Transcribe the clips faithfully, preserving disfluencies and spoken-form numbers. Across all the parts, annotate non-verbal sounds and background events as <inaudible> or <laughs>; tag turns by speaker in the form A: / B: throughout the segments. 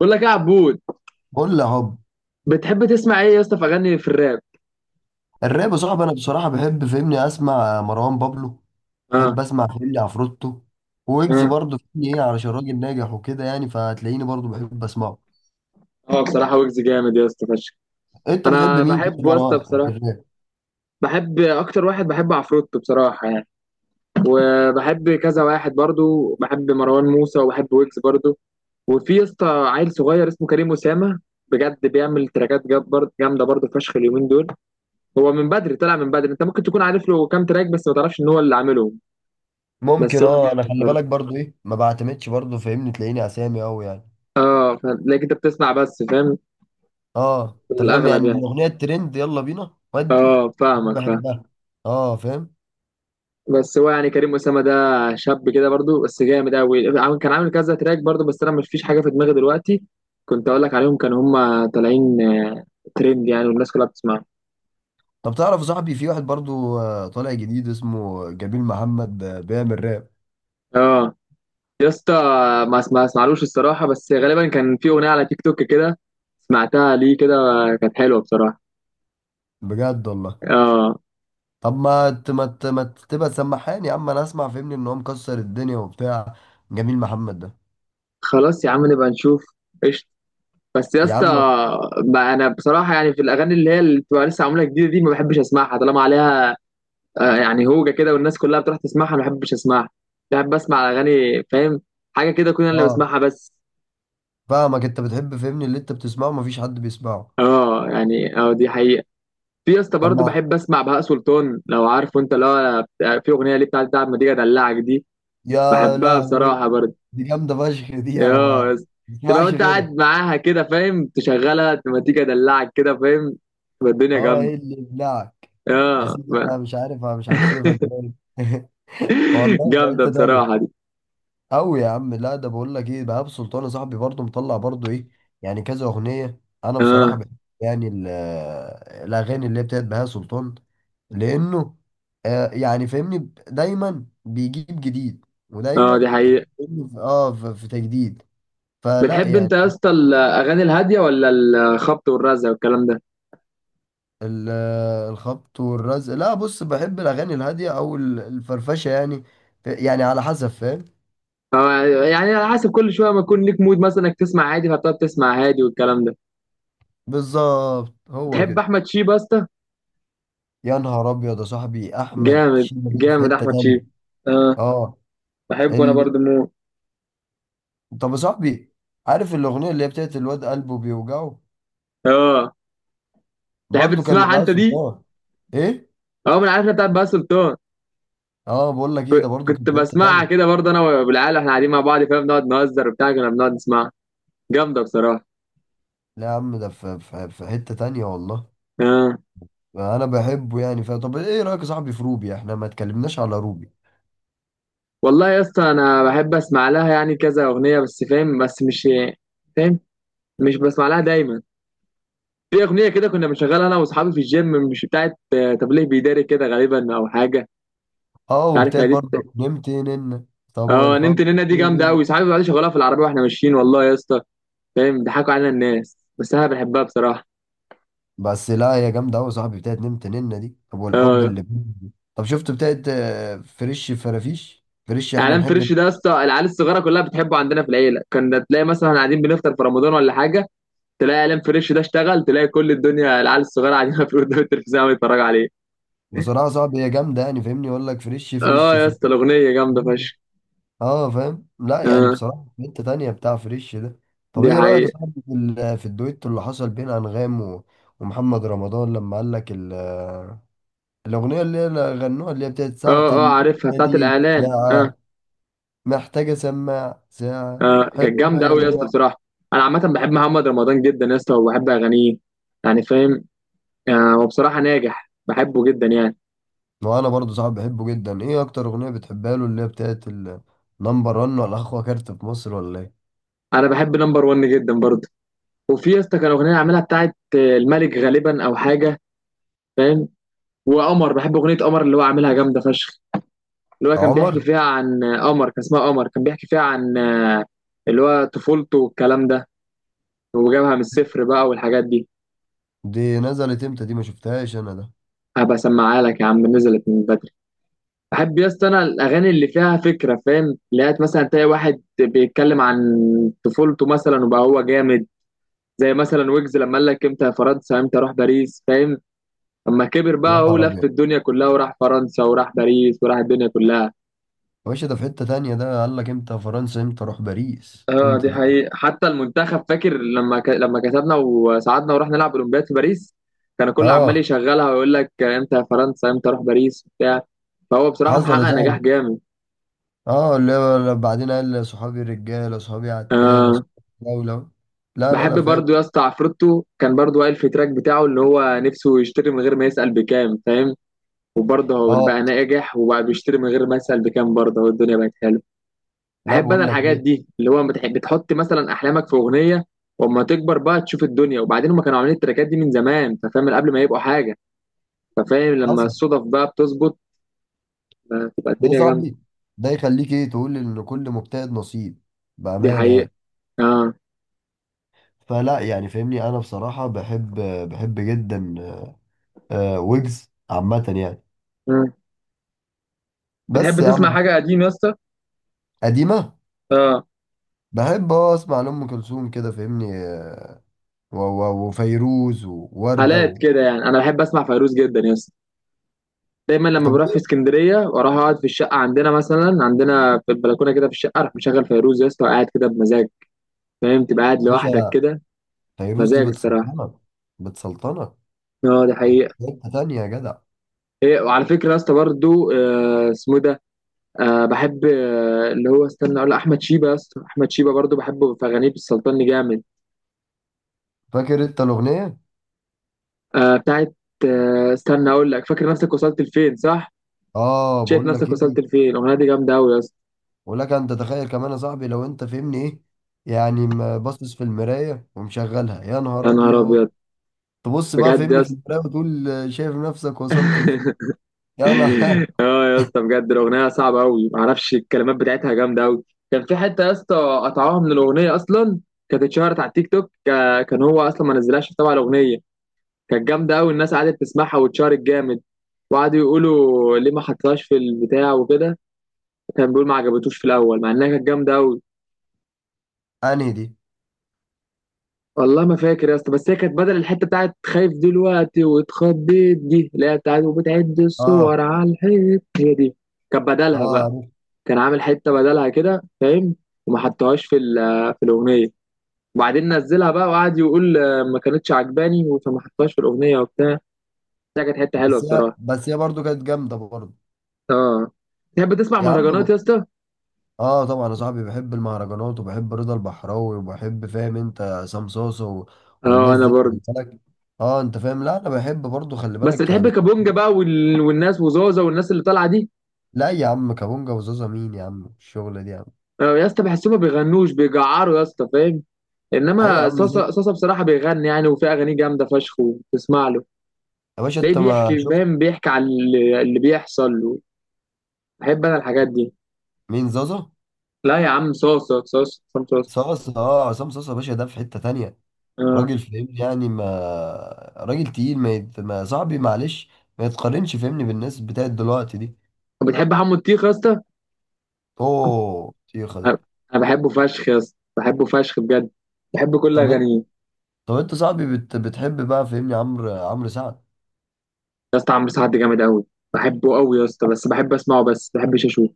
A: بقول لك ايه يا عبود؟
B: قول لي هوب.
A: بتحب تسمع ايه يا اسطى في اغاني في الراب؟
B: الراب يا صاحبي، انا بصراحه بحب فهمني اسمع مروان بابلو.
A: اه،
B: بحب اسمع فهمني عفروتو. ويجز
A: اه،
B: برضه فهمني ايه علشان راجل ناجح وكده يعني فهتلاقيني برضه بحب اسمعه.
A: اه، بصراحه ويجز جامد يا اسطى فشخ.
B: انت بتحب
A: انا
B: مين في
A: بحبه يا اسطى
B: مروان في
A: بصراحه،
B: الراب؟
A: بحب اكتر واحد بحب عفروتو بصراحه يعني. وبحب كذا واحد برضو، بحب مروان موسى وبحب ويجز برضو. وفي يا اسطى عيل صغير اسمه كريم اسامه، بجد بيعمل تراكات جاب- برضه- جامده برضه فشخ اليومين دول. هو من بدري، طلع من بدري. انت ممكن تكون عارف له كام تراك بس ما تعرفش ان هو اللي عاملهم. بس
B: ممكن
A: هو
B: اه، انا
A: جامد
B: خلي
A: برضه.
B: بالك برضه ايه، ما بعتمدش برضه فهمني تلاقيني اسامي قوي يعني.
A: اه، ف- لكن انت بتسمع بس فاهم.
B: اه،
A: في
B: انت فاهم
A: الاغلب
B: يعني
A: يعني.
B: الاغنيه الترند يلا بينا ودي.
A: اه، فاهمك فاهم.
B: بحبها. اه فاهم.
A: بس هو يعني كريم أسامة ده شاب كده برضو بس جامد قوي. عامل- كان عامل كذا تراك برضو بس انا مش فيش حاجه في دماغي دلوقتي كنت اقول لك عليهم، كانوا هم طالعين آه، ترند يعني، والناس كلها بتسمعهم.
B: طب تعرف يا صاحبي، في واحد برضه آه، طالع جديد اسمه جميل محمد، آه، بيعمل راب.
A: اه يا اسطى، ما اسمع اسمعلوش الصراحه، بس غالبا كان في اغنيه على تيك توك كده سمعتها ليه كده، كانت حلوه بصراحه.
B: بجد والله.
A: اه،
B: طب ما ت- ما ت- ما ت- تبقى سمحان يا عم، انا اسمع فهمني ان هو مكسر الدنيا وبتاع. جميل محمد ده.
A: خلاص يا عم، نبقى نشوف، قشطه. بس يا
B: يا
A: اسطى،
B: عم.
A: بقى انا بصراحه يعني في الاغاني اللي هي اللي بتبقى لسه معموله جديده دي ما بحبش اسمعها، طالما عليها آه، يعني هوجة كده والناس كلها بتروح تسمعها ما بحبش اسمعها. بحب اسمع اغاني فاهم حاجه كده، كل انا اللي
B: اه
A: بسمعها بس.
B: فاهمك. انت بتحب فهمني اللي انت بتسمعه مفيش حد بيسمعه.
A: اه، يعني اه، دي حقيقه. في يا اسطى
B: طب
A: برضه
B: ما.
A: بحب اسمع بهاء سلطان، لو عارفه انت، اللي هو بتاع- في اغنيه ليه بتاعت بتاعت ما تيجي ادلعك دي،
B: يا
A: بحبها
B: لهوي،
A: بصراحه برضه.
B: دي جامده فشخ،
A: اه
B: دي انا
A: يا
B: ما
A: اسطى، تبقى
B: بسمعش
A: وانت قاعد
B: غيرها.
A: معاها كده فاهم، تشغلها ما تيجي ادلعك كده فاهم، تبقى الدنيا
B: اه،
A: جامده.
B: ايه اللي يبلعك. يا
A: اه،
B: سيدي، انا مش عارف، انا مش هكسفك ده <laughs>
A: <laughs>
B: والله في
A: جامده
B: حته
A: بصراحه
B: تانيه.
A: دي.
B: أوي يا عم، لا ده بقول لك إيه، بهاء سلطان صاحبي برضه مطلع برضه إيه يعني كذا أغنية. أنا
A: اه،
B: بصراحة بحب يعني ال- آه، الأغاني اللي هي بتاعت بهاء سلطان. لأنه آه يعني فاهمني ب- دايما بيجيب جديد.
A: اه، دي
B: ودايما تلاقيه
A: حقيقه.
B: فاهمني في- آه في في تجديد. فلا
A: بتحب انت يا
B: يعني.
A: اسطى الاغاني الهاديه ولا الخبط والرزع والكلام ده؟
B: ال- الخبط والرزق، لا بص، بحب الأغاني الهادية أو ال- الفرفشة يعني. يعني على حسب فاهم.
A: أو يعني على حسب، كل شويه ما يكون ليك مود مثلا انك تسمع عادي، فبتقعد تسمع هادي والكلام ده.
B: بالظبط هو
A: بتحب
B: كده.
A: احمد شيب يا اسطى؟
B: يا نهار ابيض يا صاحبي، احمد
A: جامد
B: شيبة دي في
A: جامد
B: حته
A: احمد
B: تانية.
A: شيب. اه،
B: اه.
A: بحبه انا
B: ال...
A: برضه موت.
B: طب يا صاحبي، عارف الاغنيه اللي هي بتاعت الواد قلبه بيوجعه،
A: اه، تحب
B: برضو كان
A: تسمعها
B: لبهاء
A: انت دي؟
B: سلطان. ايه.
A: اه، من عارفها بتاعت بقى سلطان،
B: اه، بقول لك ايه، ده برضو كان
A: كنت
B: في حته
A: بسمعها
B: تانية.
A: كده برضه انا والعيال، احنا قاعدين مع بعض فاهم بنقعد نهزر وبتاع، كنا بنقعد نسمعها، جامده بصراحه.
B: لا يا عم، ده في, في, في حته تانية والله.
A: اه
B: انا بحبه يعني ف... طب ايه رايك يا صاحبي في روبي؟ احنا ما اتكلمناش على روبي.
A: والله يا اسطى، انا بحب اسمع لها يعني كذا اغنيه بس فاهم، بس مش فاهم، مش بسمع لها دايما. في اغنيه كده كنا بنشغلها انا واصحابي في الجيم، مش بتاعت آه، تبليغ بيداري كده غالبا او حاجه،
B: اه
A: مش عارف
B: وبتاعت
A: هي دي بت-
B: برضو نمت نن. طب
A: اه، نمت
B: والحب
A: نينا دي جامده
B: بال-
A: قوي، صحابي بيقعدوا يشغلوها في العربيه واحنا ماشيين، والله يا اسطى فاهم ضحكوا علينا الناس، بس انا بحبها بصراحه.
B: بس لا، يا جامده قوي يا صاحبي بتاعت نمت نن دي. طب والحب
A: اه،
B: اللي بال- طب شفت بتاعت آه، فريش فرافيش فريش احنا
A: اعلان
B: نحب.
A: فريش ده يا اسطى العيال الصغيره كلها بتحبه، عندنا في العيله كنا تلاقي مثلا قاعدين بنفطر في رمضان ولا حاجه، تلاقي اعلان فريش ده اشتغل، تلاقي كل الدنيا العيال الصغيره قاعدين <laughs> في قدام التلفزيون عم يتفرجوا عليه.
B: بصراحة صعب، هي جامدة يعني، فاهمني يقول لك فريش
A: اه
B: فريش
A: يا
B: فريش.
A: اسطى الاغنيه جامده فشخ.
B: اه فاهم. لا يعني،
A: اه،
B: بصراحة في حتة تانية بتاع فريش ده. طب
A: دي
B: ايه رأيك يا
A: حقيقة.
B: صاحبي في ال- في الدويتو اللي حصل بين انغام و- ومحمد رمضان لما قال لك ال- الأغنية اللي هي غنوها، اللي هي بتاعت ساعة
A: اه، اه،
B: اللمة.
A: عارفها بتاعت
B: دي
A: الاعلان، اه.
B: ساعة محتاجة سماع، ساعة
A: اه، كانت
B: حلوة
A: جامده
B: يا
A: قوي يا اسطى
B: جماعة.
A: بصراحه. انا عامه بحب محمد رمضان جدا يا اسطى، وبحب اغانيه يعني فاهم. آه هو بصراحه ناجح، بحبه جدا يعني.
B: وأنا برضو صاحب بحبه جدا. إيه أكتر أغنية بتحبها له؟ اللي هي بتاعت النمبر واحد ولا أخوة كارت في مصر ولا إيه؟
A: انا بحب نمبر وان جدا برضه. وفي يا اسطى كان اغنيه عاملها بتاعت آه، الملك غالبا او حاجه فاهم. وقمر، بحب اغنيه قمر اللي هو عاملها جامده فشخ، اللي هو كان بيحكي
B: عمر.
A: فيها عن آه، قمر، كان اسمها قمر، كان بيحكي فيها عن آه، اللي هو طفولته والكلام ده، وجابها من الصفر بقى والحاجات دي.
B: دي نزلت امتى؟ دي ما شفتهاش انا ده.
A: هبقى اسمعها لك يا عم، نزلت من. بحب يا اسطى انا الاغاني اللي فيها فكره فاهم، لقيت مثلا تلاقي واحد بيتكلم عن طفولته مثلا وبقى هو جامد. زي مثلا ويجز لما قال لك امتى يا فرنسا، امتى اروح باريس فاهم، اما كبر
B: يا
A: بقى هو
B: نهار
A: لف
B: ابيض.
A: الدنيا كلها وراح فرنسا وراح باريس وراح الدنيا كلها.
B: يا باشا ده في حتة تانية، ده قال لك امتى فرنسا، امتى اروح باريس،
A: اه،
B: امتى
A: دي
B: ده.
A: حقيقة، حتى المنتخب فاكر لما ك... لما كسبنا وصعدنا ورحنا نلعب اولمبياد في باريس، كان الكل عمال
B: اه،
A: يشغلها ويقول لك امتى يا فرنسا امتى اروح باريس وبتاع، فهو بصراحة
B: حصل يا
A: محقق نجاح
B: صاحبي.
A: جامد.
B: اه اللي هو لا- بعدين قال صحابي الرجالة، صحابي عتالة،
A: اه
B: صحابي الدولة. لا لا
A: بحب
B: لا
A: برضو
B: فاهم.
A: يا اسطى عفروتو، كان برضو قال في تراك بتاعه اللي هو نفسه يشتري من غير ما يسأل بكام فاهم، وبرضه هو
B: اه.
A: بقى ناجح وبقى بيشتري من غير ما يسأل بكام برضه، هو الدنيا بقت حلوه.
B: لا
A: بحب انا
B: بقول لك
A: الحاجات
B: ايه.
A: دي اللي هو بتح- بتحط مثلا احلامك في اغنيه، واما تكبر بقى تشوف الدنيا. وبعدين هم كانوا عاملين التراكات دي من زمان، انت فاهم من قبل ما يبقوا حاجه، ففاهم لما
B: حصل.
A: الصدف بقى بتظبط آه، تبقى
B: ده يا
A: الدنيا جامده.
B: صاحبي، ده يخليك ايه، تقول ان كل مجتهد نصيب.
A: دي
B: بأمانة
A: حقيقه.
B: يعني.
A: اه.
B: فلا يعني فاهمني، انا بصراحة بحب، بحب جدا آه، ويجز عامة يعني.
A: مم. بتحب
B: بس يا
A: تسمع
B: عم.
A: حاجه قديم يا اسطى؟
B: قديمة.
A: اه،
B: بحب اه اسمع لأم كلثوم كده فاهمني، آه، و- و- وفيروز ووردة
A: حالات
B: و...
A: كده يعني، انا بحب اسمع فيروز جدا يا اسطى، دايما لما
B: طب
A: بروح
B: ليه
A: في
B: يا
A: اسكندريه واروح اقعد في الشقه عندنا مثلا، عندنا في البلكونه كده في الشقه، اروح مشغل فيروز يا اسطى وقاعد كده بمزاج فاهم، تبقى قاعد لوحدك
B: باشا،
A: كده،
B: فيروز دي
A: مزاج الصراحه.
B: بتسلطنك، بتسلطنك.
A: اه، دي
B: في
A: حقيقه.
B: حتة تانية يا جدع.
A: ايه، وعلى فكره يا اسطى برضو آه، اسمه إيه ده، آه بحب آه اللي هو استنى اقول، احمد شيبه يا اسطى، احمد شيبه برضو بحبه، في اغانيه بالسلطان جامد
B: فاكر انت الأغنية؟
A: آه بتاعت آه استنى اقول لك، فاكر نفسك وصلت لفين صح؟
B: اه
A: شايف
B: بقول لك
A: نفسك
B: ايه.
A: وصلت لفين، الاغنيه دي جامده قوي يا اسطى.
B: بقول لك، انت تخيل كمان يا صاحبي، لو انت فهمني ايه يعني ما باصص في المراية ومشغلها. يا نهار
A: يا نهار
B: ابيض.
A: ابيض،
B: تبص بقى
A: بجد
B: فهمني
A: يا
B: في المراية وتقول آه، شايف نفسك وصلت لفين.
A: اسطى.
B: يا
A: <laughs>
B: انا.
A: يا اسطى بجد الاغنيه صعبه قوي، معرفش الكلمات بتاعتها جامده قوي. كان في حته يا اسطى قطعوها من الاغنيه اصلا، كانت اتشهرت على التيك توك كا- كان هو اصلا ما نزلهاش طبعا الاغنيه، كانت جامده قوي، الناس قعدت تسمعها واتشهرت جامد، وقعدوا يقولوا ليه ما حطهاش في البتاع وكده. كان بيقول ما عجبتوش في الاول، مع انها كانت جامده قوي.
B: <laughs> انهي دي.
A: والله ما فاكر يا اسطى، بس هي كانت بدل الحته بتاعت خايف دلوقتي واتخضيت دي، اللي هي بتاعت وبتعد الصور
B: اه.
A: على الحيط، هي دي. كانت بدلها
B: اه
A: بقى،
B: عرفت.
A: كان عامل حته بدلها كده فاهم، وما حطهاش في ال- في الاغنيه. وبعدين نزلها بقى وقعد يقول آه، ما كانتش عجباني فما حطهاش في الاغنيه وبتاع، ده كانت حته حلوه
B: بس هي
A: بصراحه.
B: بس هي برضه كانت جامدة برضه.
A: اه، تحب تسمع
B: يا عم.
A: مهرجانات يا اسطى؟
B: اه طبعا يا صاحبي، بحب المهرجانات وبحب رضا البحراوي وبحب فاهم انت عصام صاصا و-
A: اه
B: والناس
A: انا
B: دي
A: برضه.
B: خلي بالك. اه انت فاهم، لا انا بحب برضو، خلي
A: بس
B: بالك
A: بتحب
B: يعني
A: كابونجا
B: <laughs>
A: بقى، وال... والناس وزوزة والناس اللي طالعه دي؟
B: لا يا عم، كابونجا وزازا مين يا عم؟ الشغلة دي يا عم.
A: آه يا اسطى بحسهم ما بيغنوش، بيجعروا يا اسطى فاهم،
B: ايوه يا
A: انما
B: عم زي.
A: صاصا صاصا بصراحه بيغني يعني، وفي اغاني جامده فشخ وتسمع له،
B: يا باشا
A: تلاقيه
B: انت ما
A: بيحكي
B: شفت.
A: فاهم، بيحكي على اللي اللي بيحصل له، بحب انا الحاجات دي.
B: مين زازا.
A: لا يا عم، صوص صوص صوص، عصام صوص.
B: صاصا. اه عصام صاصا يا باشا، ده في حتة تانية.
A: آه.
B: راجل فاهمني يعني ما <laughs> راجل تقيل، ما, يت... ما صاحبي معلش، ما يتقارنش فاهمني بالناس بتاعت دلوقتي دي.
A: طب بتحب حمو الطيخ يا اسطى؟
B: اوه طيخة
A: انا
B: ده.
A: أنا بحبه فشخ يا اسطى، بحبه فشخ بجد، بحب كل
B: طب
A: اغانيه.
B: طب انت صاحبي بت... بتحب بقى فاهمني عمرو عمرو سعد.
A: يا اسطى عمرو سعد جامد قوي، بحبه قوي يا اسطى بس بحب اسمعه، بس ما بحبش اشوفه.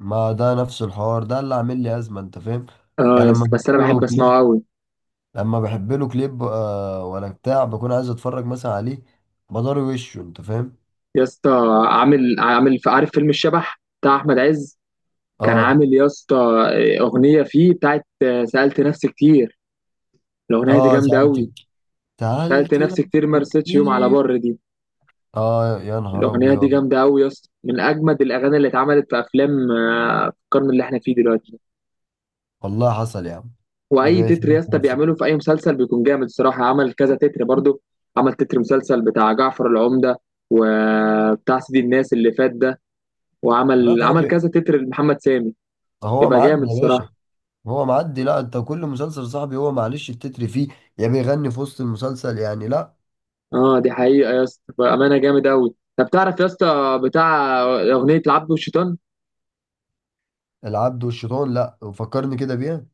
B: ما ده نفس الحوار، ده اللي عامل لي ازمه انت فاهم.
A: اه
B: يعني
A: يا
B: لما
A: اسطى، بس
B: بحب
A: انا
B: له
A: بحب
B: كليب.
A: اسمعه قوي.
B: لما بحب له كليب آه، ولا بتاع بكون عايز اتفرج مثلا عليه. بضاري وشه انت فاهم.
A: يا اسطى عامل عامل عارف فيلم الشبح بتاع احمد عز؟ كان
B: اه.
A: عامل يا اسطى اغنيه فيه بتاعت آه، سالت نفسي كتير، الاغنيه دي
B: اه،
A: جامده
B: سالت
A: قوي. سالت
B: سالت
A: نفسي كتير، ما
B: نفسي
A: رستش يوم على
B: كتير.
A: بر، دي
B: اه يا نهار
A: الأغنية دي
B: ابيض.
A: جامدة أوي يا اسطى، من أجمد الأغاني اللي اتعملت في أفلام آه، في القرن اللي احنا فيه دلوقتي ده.
B: والله حصل يا عم.
A: وأي
B: ماشي،
A: تتر يا اسطى
B: نفسي
A: بيعمله
B: كتير.
A: في أي مسلسل بيكون جامد الصراحة، عمل كذا تتر برضو، عمل تتر مسلسل بتاع جعفر العمدة وبتاع سيدي الناس اللي فات ده،
B: لا
A: وعمل عمل
B: صاحبي،
A: كذا تتر لمحمد سامي.
B: هو
A: يبقى جامد
B: معدي يا باشا.
A: الصراحة.
B: هو معدي، لا انت كل مسلسل صاحبي هو معلش التتر فيه، يا بيغني في وسط المسلسل يعني. لا
A: اه دي حقيقة يا اسطى، بأمانة جامد أوي. طب تعرف يا اسطى بتاع أغنية العبد والشيطان؟
B: العبد والشيطان، لا فكرني كده بيها.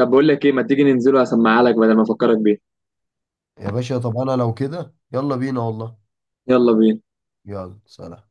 A: طب بقول لك إيه، ما تيجي ننزله هسمعها لك بدل ما أفكرك بيها،
B: يا باشا طب انا لو كده، يلا بينا والله.
A: يلا بينا.
B: يلا سلام.